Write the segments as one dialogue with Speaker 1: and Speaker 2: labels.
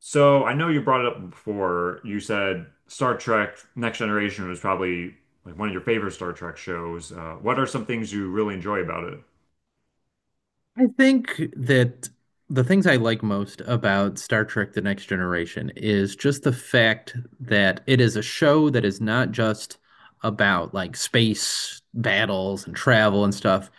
Speaker 1: So I know you brought it up before. You said Star Trek Next Generation was probably like one of your favorite Star Trek shows. What are some things you really enjoy about it?
Speaker 2: I think that the things I like most about Star Trek: The Next Generation is just the fact that it is a show that is not just about, like, space battles and travel and stuff.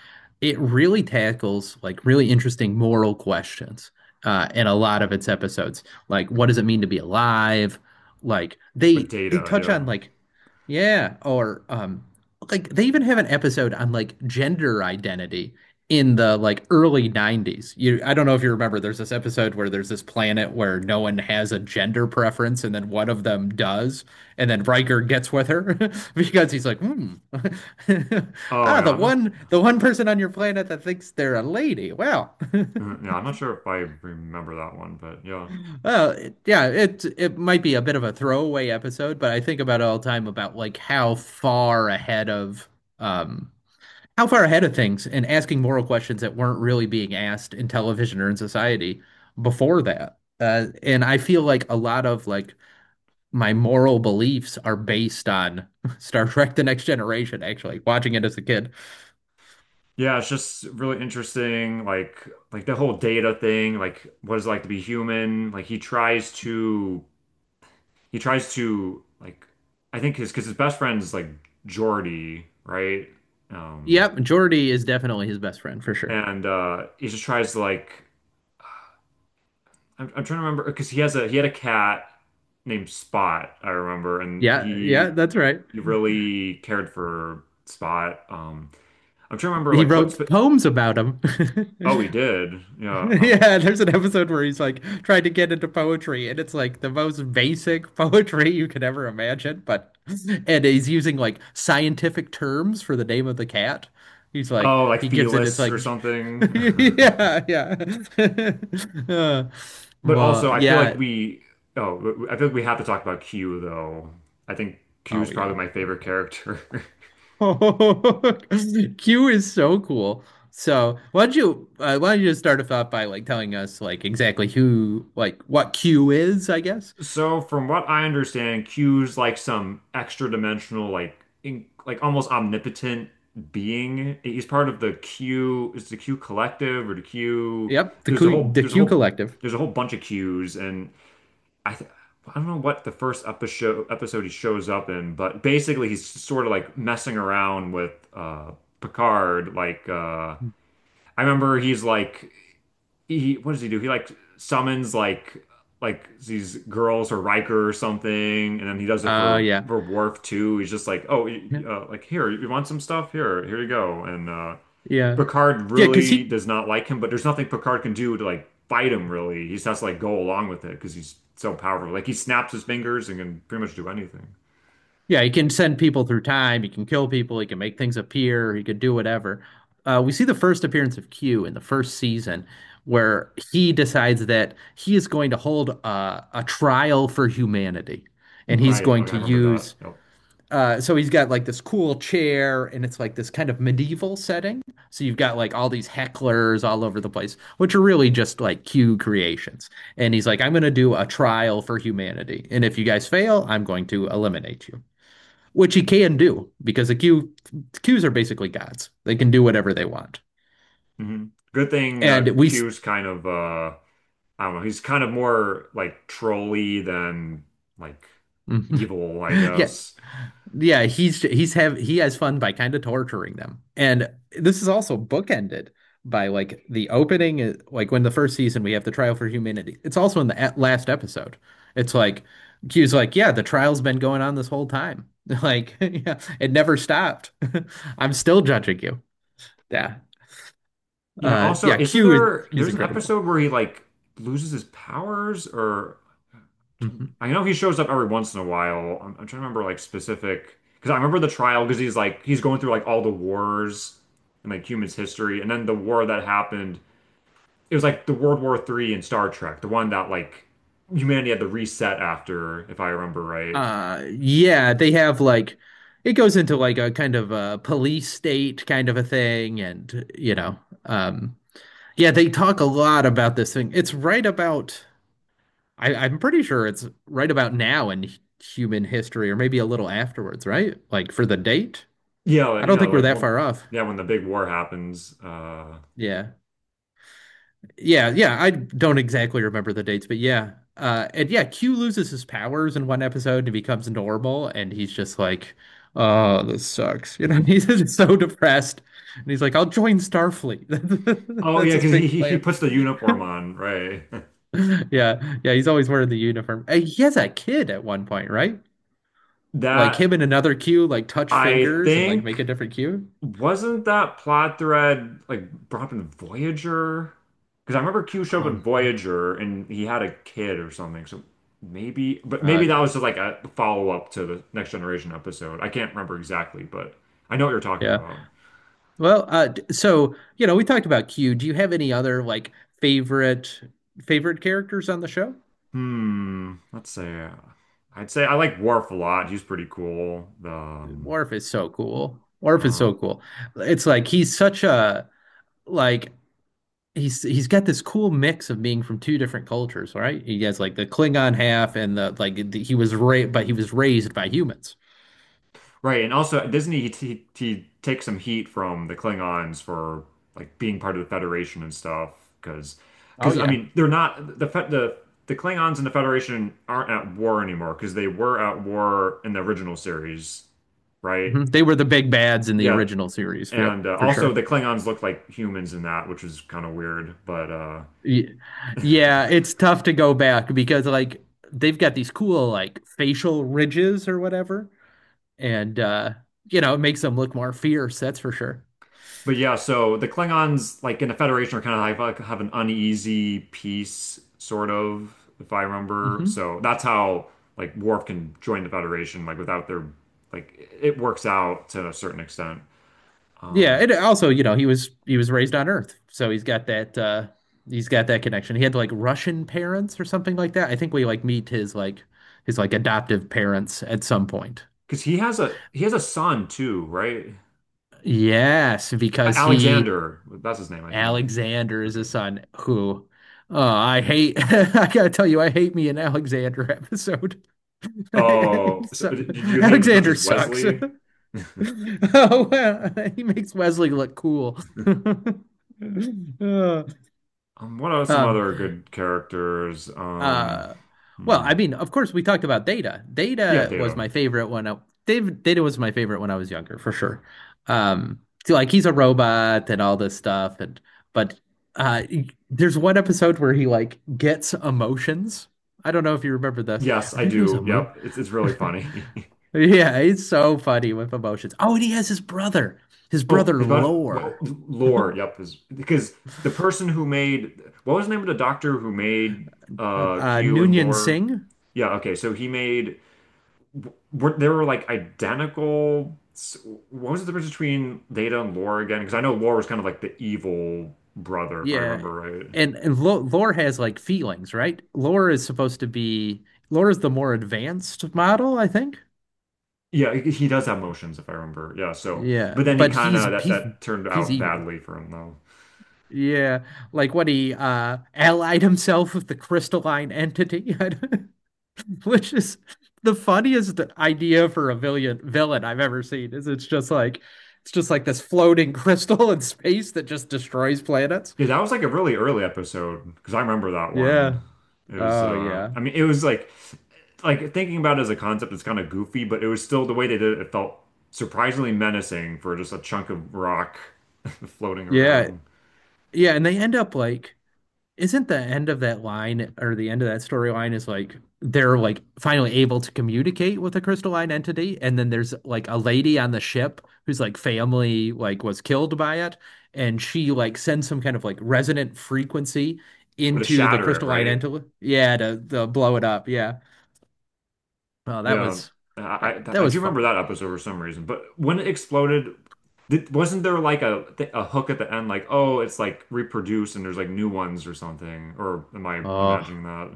Speaker 2: It really tackles, like, really interesting moral questions in a lot of its episodes. Like, what does it mean to be alive? Like,
Speaker 1: With
Speaker 2: they
Speaker 1: Data,
Speaker 2: touch
Speaker 1: yeah.
Speaker 2: on, like, yeah, or like they even have an episode on, like, gender identity in the, like, early 90s. You I don't know if you remember, there's this episode where there's this planet where no one has a gender preference, and then one of them does, and then Riker gets with her because he's like, "Hmm."
Speaker 1: Oh
Speaker 2: "Ah,
Speaker 1: yeah,
Speaker 2: the
Speaker 1: I'm not.
Speaker 2: one the one person on your planet that thinks they're a lady. Wow."
Speaker 1: Yeah, I'm not sure if I remember that one, but yeah,
Speaker 2: Well, yeah, it might be a bit of a throwaway episode, but I think about it all the time about, like, um how far ahead of things and asking moral questions that weren't really being asked in television or in society before that. And I feel like a lot of, like, my moral beliefs are based on Star Trek: The Next Generation, actually, watching it as a kid.
Speaker 1: yeah. It's just really interesting, like the whole Data thing, like what it's like to be human. Like he tries to like I think his because his best friend is like Geordi, right? Um,
Speaker 2: Yep, Geordi is definitely his best friend for sure.
Speaker 1: and he just tries to like I'm trying to remember because he has a he had a cat named Spot I remember and
Speaker 2: Yeah, yeah, that's right.
Speaker 1: he really cared for Spot I'm trying to remember
Speaker 2: He
Speaker 1: like what
Speaker 2: wrote
Speaker 1: sp
Speaker 2: poems about him.
Speaker 1: oh he did yeah um
Speaker 2: Yeah, there's an episode where he's like trying to get into poetry, and it's like the most basic poetry you could ever imagine. But and he's using, like, scientific terms for the name of the cat. He's like
Speaker 1: oh like
Speaker 2: he gives it. It's
Speaker 1: Felis
Speaker 2: like
Speaker 1: or something
Speaker 2: yeah, yeah. Uh,
Speaker 1: but also
Speaker 2: but
Speaker 1: I feel like
Speaker 2: yeah.
Speaker 1: we oh I feel like we have to talk about Q though I think Q
Speaker 2: Oh
Speaker 1: is probably
Speaker 2: yeah.
Speaker 1: my favorite character
Speaker 2: Q is so cool. So, why don't you just start us off by, like, telling us, like, exactly who like what Q is, I guess.
Speaker 1: So from what I understand, Q's like some extra dimensional, like almost omnipotent being. He's part of the Q, is the Q collective or the Q?
Speaker 2: Yep, the
Speaker 1: There's a
Speaker 2: Q
Speaker 1: whole,
Speaker 2: the
Speaker 1: there's a
Speaker 2: Q
Speaker 1: whole,
Speaker 2: Collective.
Speaker 1: there's a whole bunch of Q's, and I, th I don't know what the first episode he shows up in, but basically he's sort of like messing around with Picard, like I remember he's like he what does he do? He like summons like these girls or Riker or something, and then he does it for
Speaker 2: Yeah.
Speaker 1: Worf too. He's just like, oh,
Speaker 2: Yeah.
Speaker 1: like here, you want some stuff? Here, here you go. And
Speaker 2: Yeah.
Speaker 1: Picard
Speaker 2: Yeah. Because
Speaker 1: really
Speaker 2: he
Speaker 1: does not like him, but there's nothing Picard can do to like fight him. Really, he just has to like go along with it because he's so powerful. Like he snaps his fingers and can pretty much do anything.
Speaker 2: yeah, he can send people through time, he can kill people, he can make things appear, he can do whatever. We see the first appearance of Q in the first season, where he decides that he is going to hold a trial for humanity. And he's
Speaker 1: Right.
Speaker 2: going
Speaker 1: Okay, I
Speaker 2: to
Speaker 1: remember that.
Speaker 2: use
Speaker 1: Yep.
Speaker 2: So he's got, like, this cool chair, and it's like this kind of medieval setting. So you've got, like, all these hecklers all over the place, which are really just like Q creations. And he's like, "I'm going to do a trial for humanity, and if you guys fail, I'm going to eliminate you," which he can do because the Q Qs are basically gods. They can do whatever they want.
Speaker 1: Hmm. Good thing
Speaker 2: And we
Speaker 1: Q's kind of I don't know. He's kind of more like trolly than like
Speaker 2: Mhm.
Speaker 1: evil, I
Speaker 2: Yeah.
Speaker 1: guess.
Speaker 2: Yeah, he has fun by kind of torturing them. And this is also bookended by, like, the opening like when the first season we have the trial for humanity. It's also in the at last episode. It's like Q's like, "Yeah, the trial's been going on this whole time." Like, yeah, it never stopped. I'm still judging you. Yeah.
Speaker 1: You know, also,
Speaker 2: Yeah,
Speaker 1: isn't there
Speaker 2: Q's
Speaker 1: there's an
Speaker 2: incredible.
Speaker 1: episode where he like loses his powers or
Speaker 2: Mm-hmm.
Speaker 1: I know he shows up every once in a while. I'm trying to remember like specific because I remember the trial because he's going through like all the wars in like humans history and then the war that happened, it was like the World War Three in Star Trek, the one that like humanity had to reset after, if I remember right.
Speaker 2: Yeah, they have, like, it goes into, like, a kind of a police state kind of a thing, and, you know, um, yeah, they talk a lot about this thing. It's right about I, I'm pretty sure it's right about now in human history, or maybe a little afterwards, right? Like for the date. I don't think we're that
Speaker 1: Well,
Speaker 2: far off.
Speaker 1: yeah, when the big war happens.
Speaker 2: Yeah. Yeah, yeah, I don't exactly remember the dates, but yeah. And yeah, Q loses his powers in one episode and becomes normal, and he's just like, "Oh, this sucks." You know, he's just so depressed. And he's like, "I'll join Starfleet."
Speaker 1: Oh
Speaker 2: That's
Speaker 1: yeah,
Speaker 2: his
Speaker 1: because
Speaker 2: big
Speaker 1: he
Speaker 2: plan.
Speaker 1: puts the uniform on, right?
Speaker 2: Yeah. Yeah, he's always wearing the uniform. And he has a kid at one point, right? Like
Speaker 1: That
Speaker 2: him and another Q like touch
Speaker 1: I
Speaker 2: fingers and, like, make a
Speaker 1: think,
Speaker 2: different Q.
Speaker 1: wasn't that plot thread like brought up in Voyager? Because I remember Q showed up in
Speaker 2: Oh,
Speaker 1: Voyager and he had a kid or something. So maybe, but
Speaker 2: uh
Speaker 1: maybe that was just like a follow-up to the Next Generation episode. I can't remember exactly, but I know what you're talking
Speaker 2: yeah.
Speaker 1: about.
Speaker 2: Well, so, you know, we talked about Q. Do you have any other, like, favorite favorite characters on the show?
Speaker 1: Hmm. Let's say I'd say I like Worf a lot. He's pretty cool. The
Speaker 2: Worf is so cool. Worf is
Speaker 1: uh,
Speaker 2: so cool. It's like he's such a, like, he's got this cool mix of being from two different cultures, right? He has, like, the Klingon half and the, like, the, he was raised, but he was raised by humans.
Speaker 1: right, and also at Disney he takes some heat from the Klingons for like being part of the Federation and stuff because
Speaker 2: Oh
Speaker 1: because I
Speaker 2: yeah.
Speaker 1: mean they're not the the Klingons and the Federation aren't at war anymore because they were at war in the original series, right?
Speaker 2: Mhm. They were the big bads in the
Speaker 1: Yeah,
Speaker 2: original series. Yep,
Speaker 1: and
Speaker 2: for
Speaker 1: also
Speaker 2: sure.
Speaker 1: the Klingons look like humans in that, which is kind of weird,
Speaker 2: Y- Yeah, it's tough to go back because, like, they've got these cool, like, facial ridges or whatever, and you know, it makes them look more fierce, that's for sure.
Speaker 1: but yeah, so the Klingons, like in the Federation, are kind of like have an uneasy peace, sort of, if I remember.
Speaker 2: Hmm.
Speaker 1: So that's how like Worf can join the Federation, like without their, like it works out to a certain extent.
Speaker 2: Yeah,
Speaker 1: Um,
Speaker 2: and also, you know, he was raised on Earth, so he's got that connection. He had, like, Russian parents or something like that. I think we, like, meet his, like, his like adoptive parents at some point.
Speaker 1: because he has a son too, right?
Speaker 2: Yes, because he
Speaker 1: Alexander, that's his name, I think.
Speaker 2: Alexander is
Speaker 1: Okay.
Speaker 2: his son, who I hate. I gotta tell you, I hate me an Alexander episode.
Speaker 1: Oh, so
Speaker 2: So-
Speaker 1: did you hate him as much
Speaker 2: Alexander
Speaker 1: as
Speaker 2: sucks.
Speaker 1: Wesley?
Speaker 2: Oh, well, he makes Wesley look cool. Uh,
Speaker 1: What are some
Speaker 2: um,
Speaker 1: other good characters?
Speaker 2: Uh, well,
Speaker 1: Hmm.
Speaker 2: I mean, of course, we talked about Data.
Speaker 1: Yeah,
Speaker 2: Data was
Speaker 1: Data.
Speaker 2: my favorite when I, David, Data was my favorite when I was younger, for sure. Um, so, like, he's a robot and all this stuff, and but uh, there's one episode where he, like, gets emotions. I don't know if you remember this,
Speaker 1: Yes,
Speaker 2: or
Speaker 1: I
Speaker 2: maybe it was a
Speaker 1: do.
Speaker 2: movie.
Speaker 1: Yep. It's really funny.
Speaker 2: Yeah, he's so funny with emotions. Oh, and he has his
Speaker 1: Oh,
Speaker 2: brother
Speaker 1: he's about well
Speaker 2: Lore,
Speaker 1: lore, yep, is because the person who made, what was the name of the doctor who made Q and
Speaker 2: Noonien
Speaker 1: lore?
Speaker 2: Singh.
Speaker 1: Yeah, okay. So he made were they were like what was the difference between Data and lore again? Because I know lore was kind of like the evil brother, if I
Speaker 2: Yeah.
Speaker 1: remember right.
Speaker 2: And Lore has, like, feelings, right? Lore is supposed to be Lore is the more advanced model, I think.
Speaker 1: Yeah, he does have motions, if I remember. Yeah, so
Speaker 2: Yeah,
Speaker 1: but then he
Speaker 2: but
Speaker 1: kind
Speaker 2: he's
Speaker 1: of that
Speaker 2: he's
Speaker 1: that turned
Speaker 2: he's
Speaker 1: out
Speaker 2: evil.
Speaker 1: badly for him though.
Speaker 2: Yeah, like when he allied himself with the crystalline entity, which is the funniest idea for a villain I've ever seen. Is it's just like this floating crystal in space that just destroys planets.
Speaker 1: Yeah, that was like a really early episode because I remember that one.
Speaker 2: Yeah.
Speaker 1: It was
Speaker 2: Oh yeah.
Speaker 1: I mean it was like thinking about it as a concept it's kind of goofy, but it was still the way they did it, it felt surprisingly menacing for just a chunk of rock floating
Speaker 2: Yeah.
Speaker 1: around.
Speaker 2: Yeah. and they end up like Isn't the end of that line, or the end of that storyline, is like they're, like, finally able to communicate with a crystalline entity, and then there's, like, a lady on the ship whose, like, family, like, was killed by it, and she, like, sends some kind of, like, resonant frequency
Speaker 1: Or to
Speaker 2: into the
Speaker 1: shatter it,
Speaker 2: crystalline
Speaker 1: right?
Speaker 2: entity, yeah, to blow it up, yeah. Oh,
Speaker 1: Yeah.
Speaker 2: that
Speaker 1: I
Speaker 2: was
Speaker 1: do remember
Speaker 2: fun.
Speaker 1: that episode for some reason. But when it exploded, did, wasn't there like a th a hook at the end like, "Oh, it's like reproduced and there's like new ones or something?" Or am I
Speaker 2: Oh.
Speaker 1: imagining that?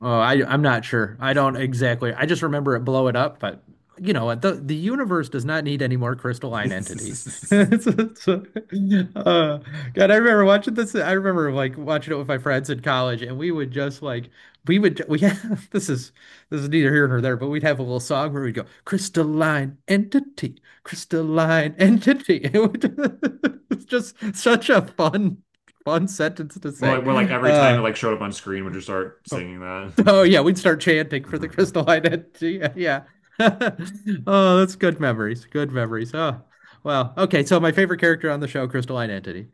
Speaker 2: Oh, I'm not sure. I don't exactly. I just remember it blow it up, but you know what? The universe does not need any more crystalline entities. It's- it's- uh, God, I remember watching this. I remember, like, watching it with my friends in college, and we would just, like, we have this is neither here nor there, but we'd have a little song where we'd go crystalline entity, crystalline entity. It's just such a fun fun sentence to say.
Speaker 1: Well, like every time it
Speaker 2: Uh,
Speaker 1: like showed up on screen, would you start singing that?
Speaker 2: Oh yeah, we'd start chanting for the crystal identity. Yeah. Oh, that's good memories. Good memories. Oh, wow. Okay, so my favorite character on the show, Crystal Identity.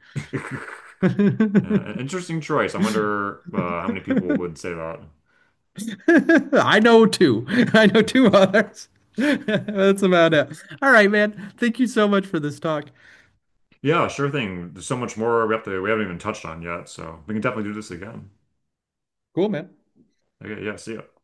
Speaker 1: An interesting choice. I wonder how many people would say that.
Speaker 2: I know two. I know two others. That's about it. All right, man. Thank you so much for this talk.
Speaker 1: Yeah, sure thing. There's so much more we have to we haven't even touched on yet, so we can definitely do this again.
Speaker 2: Cool, man.
Speaker 1: Okay, yeah, see ya.